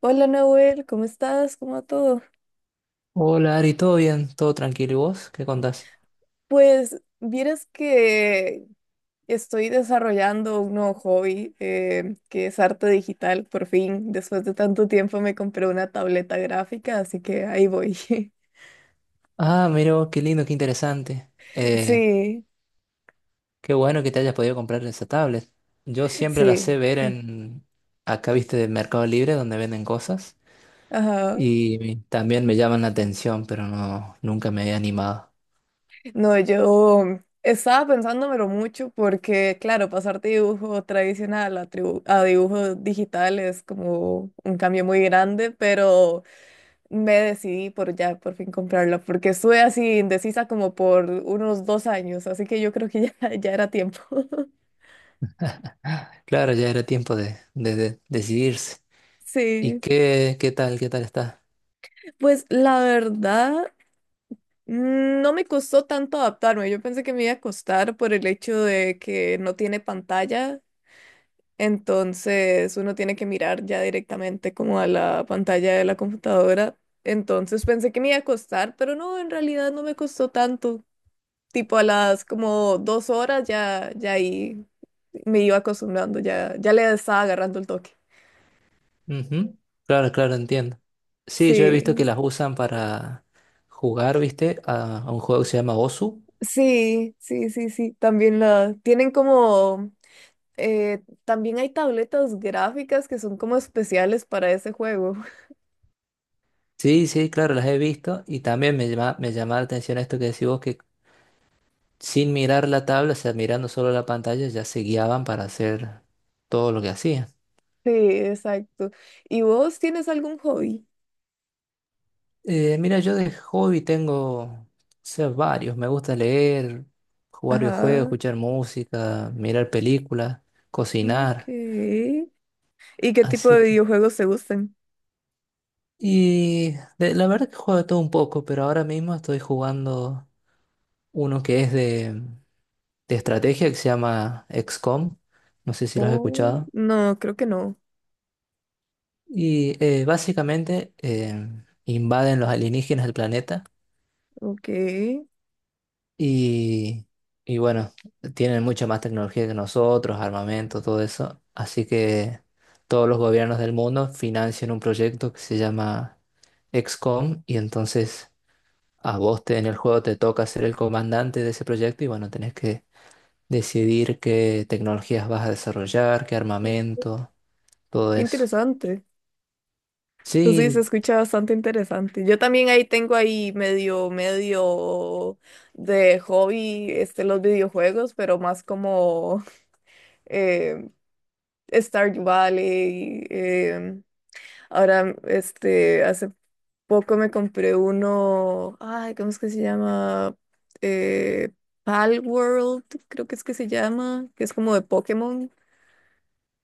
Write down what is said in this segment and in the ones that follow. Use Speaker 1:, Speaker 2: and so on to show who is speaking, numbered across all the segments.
Speaker 1: Hola Nahuel, ¿cómo estás? ¿Cómo va todo?
Speaker 2: Hola Ari, ¿todo bien? ¿Todo tranquilo? ¿Y vos? ¿Qué contás?
Speaker 1: Pues vieras que estoy desarrollando un nuevo hobby que es arte digital, por fin. Después de tanto tiempo me compré una tableta gráfica, así que ahí voy.
Speaker 2: Ah, mira, vos, qué lindo, qué interesante.
Speaker 1: Sí,
Speaker 2: Qué bueno que te hayas podido comprar esa tablet. Yo siempre la sé
Speaker 1: sí.
Speaker 2: ver en, acá viste, de Mercado Libre, donde venden cosas.
Speaker 1: Ajá.
Speaker 2: Y también me llaman la atención, pero no, nunca me he animado.
Speaker 1: No, yo estaba pensándomelo mucho porque, claro, pasar de dibujo tradicional a dibujo digital es como un cambio muy grande, pero me decidí por ya por fin comprarla, porque estuve así indecisa como por unos 2 años, así que yo creo que ya, ya era tiempo.
Speaker 2: Claro, ya era tiempo de decidirse. ¿Y
Speaker 1: Sí,
Speaker 2: qué tal está?
Speaker 1: pues la verdad, no me costó tanto adaptarme. Yo pensé que me iba a costar por el hecho de que no tiene pantalla, entonces uno tiene que mirar ya directamente como a la pantalla de la computadora. Entonces pensé que me iba a costar, pero no, en realidad no me costó tanto. Tipo a las como 2 horas ya, ya ahí me iba acostumbrando, ya, ya le estaba agarrando el toque.
Speaker 2: Ujú. Claro, claro, entiendo. Sí, yo he visto que
Speaker 1: Sí,
Speaker 2: las usan para jugar, viste, a un juego que se llama Osu.
Speaker 1: sí, sí, sí, sí. También la tienen como también hay tabletas gráficas que son como especiales para ese juego.
Speaker 2: Sí, sí, claro, las he visto y también me llama la atención esto que decís vos, que sin mirar la tabla, o sea, mirando solo la pantalla, ya se guiaban para hacer todo lo que hacían.
Speaker 1: Sí, exacto. ¿Y vos tienes algún hobby?
Speaker 2: Mira, yo de hobby tengo, o sea, varios, me gusta leer, jugar videojuegos,
Speaker 1: Ajá.
Speaker 2: escuchar música, mirar películas,
Speaker 1: Ok.
Speaker 2: cocinar,
Speaker 1: ¿Y qué tipo de
Speaker 2: así que...
Speaker 1: videojuegos te gustan?
Speaker 2: Y la verdad que juego de todo un poco, pero ahora mismo estoy jugando uno que es de estrategia que se llama XCOM, no sé si lo has
Speaker 1: Oh,
Speaker 2: escuchado.
Speaker 1: no, creo que no.
Speaker 2: Y básicamente invaden los alienígenas el planeta
Speaker 1: Ok.
Speaker 2: y, y bueno, tienen mucha más tecnología que nosotros, armamento, todo eso. Así que todos los gobiernos del mundo financian un proyecto que se llama XCOM, y entonces a vos en el juego te toca ser el comandante de ese proyecto y bueno, tenés que decidir qué tecnologías vas a desarrollar, qué armamento, todo eso.
Speaker 1: Interesante. Pues sí, se
Speaker 2: Sí.
Speaker 1: escucha bastante interesante. Yo también ahí tengo ahí medio, medio de hobby este, los videojuegos, pero más como eh, Stardew Valley. Ahora, este, hace poco me compré uno, ay, ¿cómo es que se llama? Eh, Palworld, creo que es que se llama, que es como de Pokémon.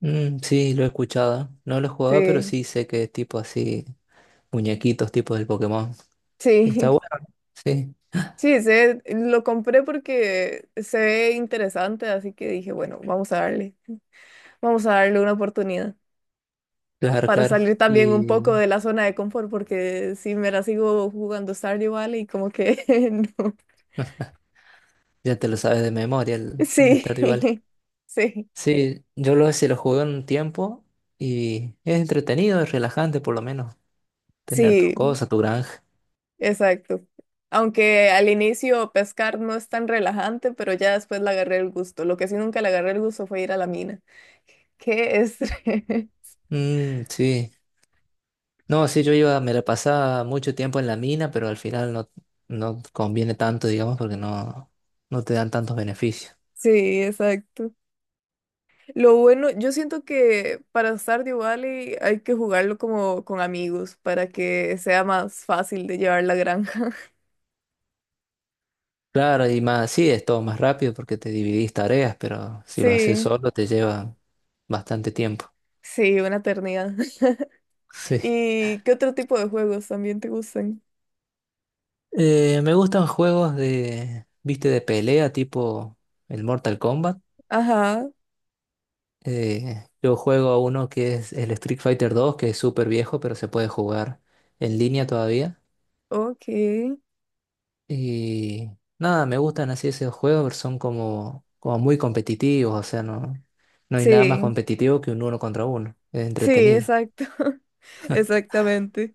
Speaker 2: Mm, sí, lo he escuchado. No lo he jugado, pero
Speaker 1: Sí,
Speaker 2: sí sé que es tipo así, muñequitos tipo del Pokémon. Está
Speaker 1: sí.
Speaker 2: bueno, ¿no? Sí,
Speaker 1: Sí, se, lo compré porque se ve interesante, así que dije, bueno, vamos a darle una oportunidad
Speaker 2: claro,
Speaker 1: para
Speaker 2: claro.
Speaker 1: salir también
Speaker 2: Y
Speaker 1: un poco de la zona de confort, porque si me la sigo jugando Stardew Valley, como que no.
Speaker 2: ya te lo sabes de memoria el
Speaker 1: Sí,
Speaker 2: Stardew Valley.
Speaker 1: sí,
Speaker 2: Sí, yo lo, sí lo jugué un tiempo y es entretenido, es relajante por lo menos, tener tus
Speaker 1: sí,
Speaker 2: cosas, tu granja.
Speaker 1: exacto. Aunque al inicio pescar no es tan relajante, pero ya después le agarré el gusto. Lo que sí nunca le agarré el gusto fue ir a la mina. Qué estrés.
Speaker 2: Mm, sí. No, sí, yo iba, me la pasaba mucho tiempo en la mina, pero al final no, no conviene tanto, digamos, porque no, no te dan tantos beneficios.
Speaker 1: Sí, exacto. Lo bueno, yo siento que para Stardew Valley hay que jugarlo como con amigos para que sea más fácil de llevar la granja.
Speaker 2: Claro, y más, sí, es todo más rápido porque te dividís tareas, pero si lo haces
Speaker 1: Sí,
Speaker 2: solo te lleva bastante tiempo.
Speaker 1: sí, una eternidad.
Speaker 2: Sí.
Speaker 1: ¿Y qué otro tipo de juegos también te gustan?
Speaker 2: Me gustan juegos de, viste, de pelea tipo el Mortal Kombat.
Speaker 1: Ajá,
Speaker 2: Yo juego a uno que es el Street Fighter dos, que es súper viejo, pero se puede jugar en línea todavía.
Speaker 1: ok.
Speaker 2: Y nada, me gustan así esos juegos, pero son como, como muy competitivos, o sea, no, no hay nada más
Speaker 1: Sí,
Speaker 2: competitivo que un uno contra uno. Es
Speaker 1: sí,
Speaker 2: entretenido.
Speaker 1: exacto. Exactamente.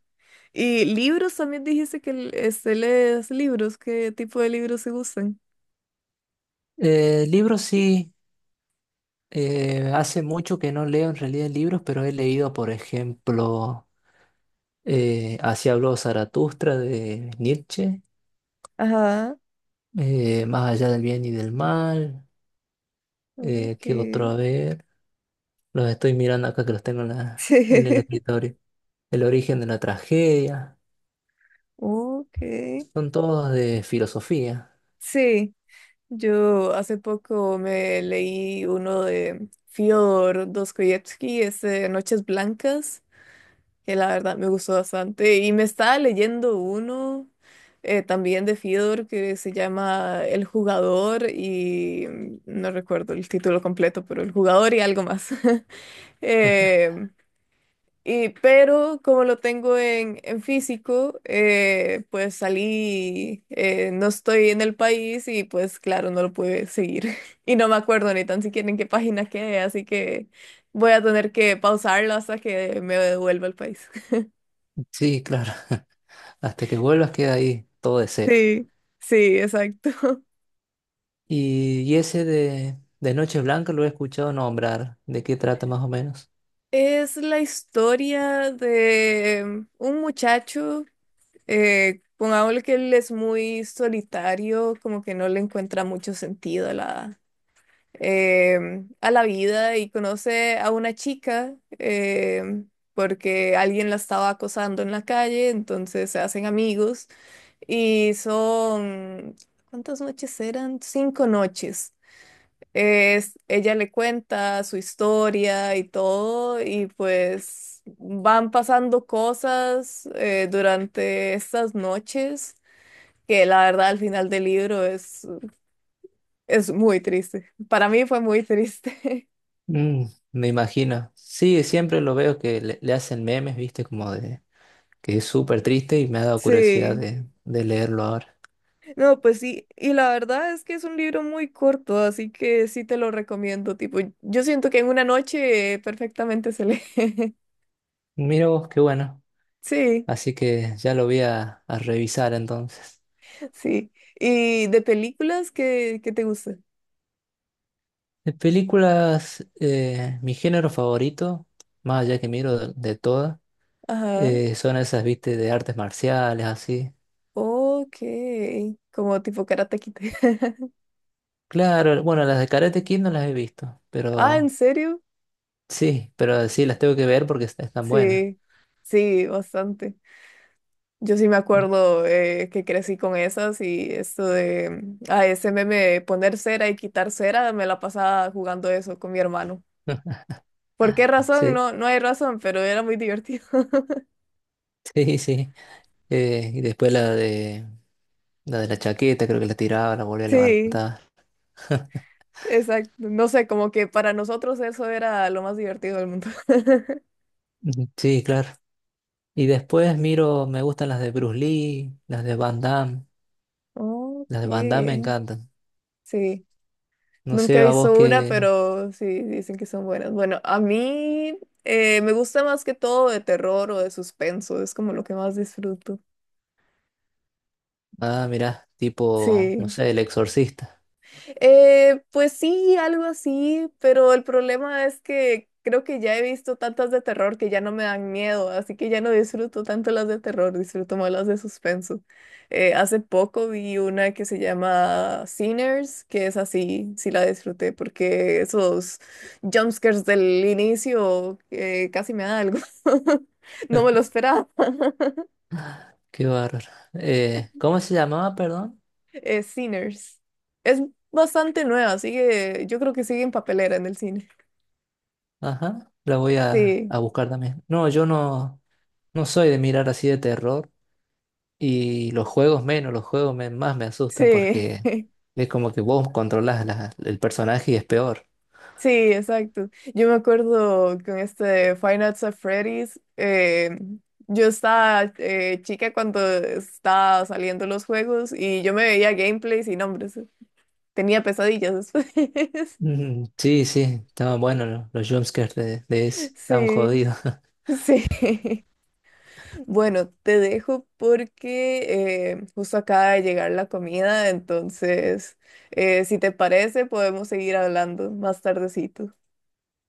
Speaker 1: ¿Y libros también dijiste que este, lees libros? ¿Qué tipo de libros se gustan?
Speaker 2: Libros sí. Hace mucho que no leo en realidad libros, pero he leído, por ejemplo, Así habló Zaratustra de Nietzsche,
Speaker 1: Ajá,
Speaker 2: Más allá del bien y del mal,
Speaker 1: ok.
Speaker 2: ¿qué otro? A ver, los estoy mirando acá que los tengo en,
Speaker 1: Sí,
Speaker 2: en el escritorio. El origen de la tragedia,
Speaker 1: ok.
Speaker 2: son todos de filosofía.
Speaker 1: Sí. Yo hace poco me leí uno de Fyodor Dostoyevsky, ese Noches Blancas, que la verdad me gustó bastante. Y me estaba leyendo uno también de Fyodor que se llama El Jugador y no recuerdo el título completo, pero El Jugador y algo más. Em, y, pero como lo tengo en físico, pues salí, no estoy en el país y pues claro, no lo pude seguir. Y no me acuerdo ni tan siquiera en qué página quedé, así que voy a tener que pausarlo hasta que me devuelva al país.
Speaker 2: Sí, claro, hasta que vuelvas queda ahí todo de cero.
Speaker 1: Sí, sí, exacto.
Speaker 2: Y ese de Noche Blanca lo he escuchado nombrar, ¿de qué trata más o menos?
Speaker 1: Es la historia de un muchacho, pongámosle que él es muy solitario, como que no le encuentra mucho sentido a la, a la vida y conoce a una chica porque alguien la estaba acosando en la calle, entonces se hacen amigos y son, ¿cuántas noches eran? 5 noches. Es, ella le cuenta su historia y todo y pues van pasando cosas durante estas noches. Que la verdad al final del libro es muy triste. Para mí fue muy triste.
Speaker 2: Mm, me imagino. Sí, siempre lo veo que le hacen memes, viste, como de que es súper triste y me ha dado curiosidad
Speaker 1: Sí,
Speaker 2: de leerlo ahora.
Speaker 1: no, pues sí, y la verdad es que es un libro muy corto, así que sí te lo recomiendo, tipo, yo siento que en una noche perfectamente se lee.
Speaker 2: Mira vos, qué bueno.
Speaker 1: Sí,
Speaker 2: Así que ya lo voy a revisar entonces.
Speaker 1: sí. ¿Y de películas que, te gustan?
Speaker 2: De películas, mi género favorito, más allá que miro de todas,
Speaker 1: Ajá,
Speaker 2: son esas, viste, de artes marciales, así.
Speaker 1: ok, como tipo Karate Kid.
Speaker 2: Claro, bueno, las de Karate Kid no las he visto,
Speaker 1: Ah, ¿en serio?
Speaker 2: pero sí las tengo que ver porque están buenas.
Speaker 1: Sí, sí, bastante. Yo sí me acuerdo que crecí con esas y esto de a ese meme de poner cera y quitar cera, me la pasaba jugando eso con mi hermano. ¿Por qué razón?
Speaker 2: Sí,
Speaker 1: No, no hay razón, pero era muy divertido.
Speaker 2: sí, sí. Y después la de la de la chaqueta, creo que la tiraba, la volvía a
Speaker 1: Sí,
Speaker 2: levantar.
Speaker 1: exacto. No sé, como que para nosotros eso era lo más divertido del mundo.
Speaker 2: Ujú. Sí, claro. Y después miro, me gustan las de Bruce Lee, las de Van Damme. Las
Speaker 1: Ok,
Speaker 2: de Van Damme me encantan.
Speaker 1: sí.
Speaker 2: No
Speaker 1: Nunca
Speaker 2: sé
Speaker 1: he
Speaker 2: a vos
Speaker 1: visto una,
Speaker 2: qué.
Speaker 1: pero sí, dicen que son buenas. Bueno, a mí me gusta más que todo de terror o de suspenso, es como lo que más disfruto.
Speaker 2: Ah, mirá, tipo, no
Speaker 1: Sí.
Speaker 2: sé, El Exorcista.
Speaker 1: Pues sí, algo así, pero el problema es que creo que ya he visto tantas de terror que ya no me dan miedo, así que ya no disfruto tanto las de terror, disfruto más las de suspenso. Hace poco vi una que se llama Sinners, que es así, sí la disfruté porque esos jumpscares del inicio casi me da algo. No me lo esperaba.
Speaker 2: Qué bárbaro. ¿Cómo se llamaba, perdón?
Speaker 1: Sinners. Es bastante nueva, sigue, yo creo que sigue en papelera en el cine.
Speaker 2: Ajá, la voy
Speaker 1: Sí.
Speaker 2: a buscar también. No, yo no, no soy de mirar así de terror. Y los juegos menos, los juegos más me asustan
Speaker 1: Sí,
Speaker 2: porque es como que vos controlás el personaje y es peor.
Speaker 1: sí, exacto. Yo me acuerdo con este Five Nights at Freddy's, yo estaba chica cuando estaba saliendo los juegos y yo me veía gameplays y nombres. Tenía pesadillas después.
Speaker 2: Mm, sí, sí, estaban buenos los jumpscares de ese, estaban
Speaker 1: Sí,
Speaker 2: jodidos.
Speaker 1: sí. Bueno, te dejo porque justo acaba de llegar la comida, entonces, si te parece, podemos seguir hablando más tardecito.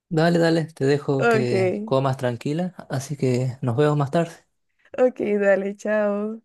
Speaker 2: Dale, dale, te dejo que
Speaker 1: Ok,
Speaker 2: comas tranquila, así que nos vemos más tarde.
Speaker 1: ok, dale, chao.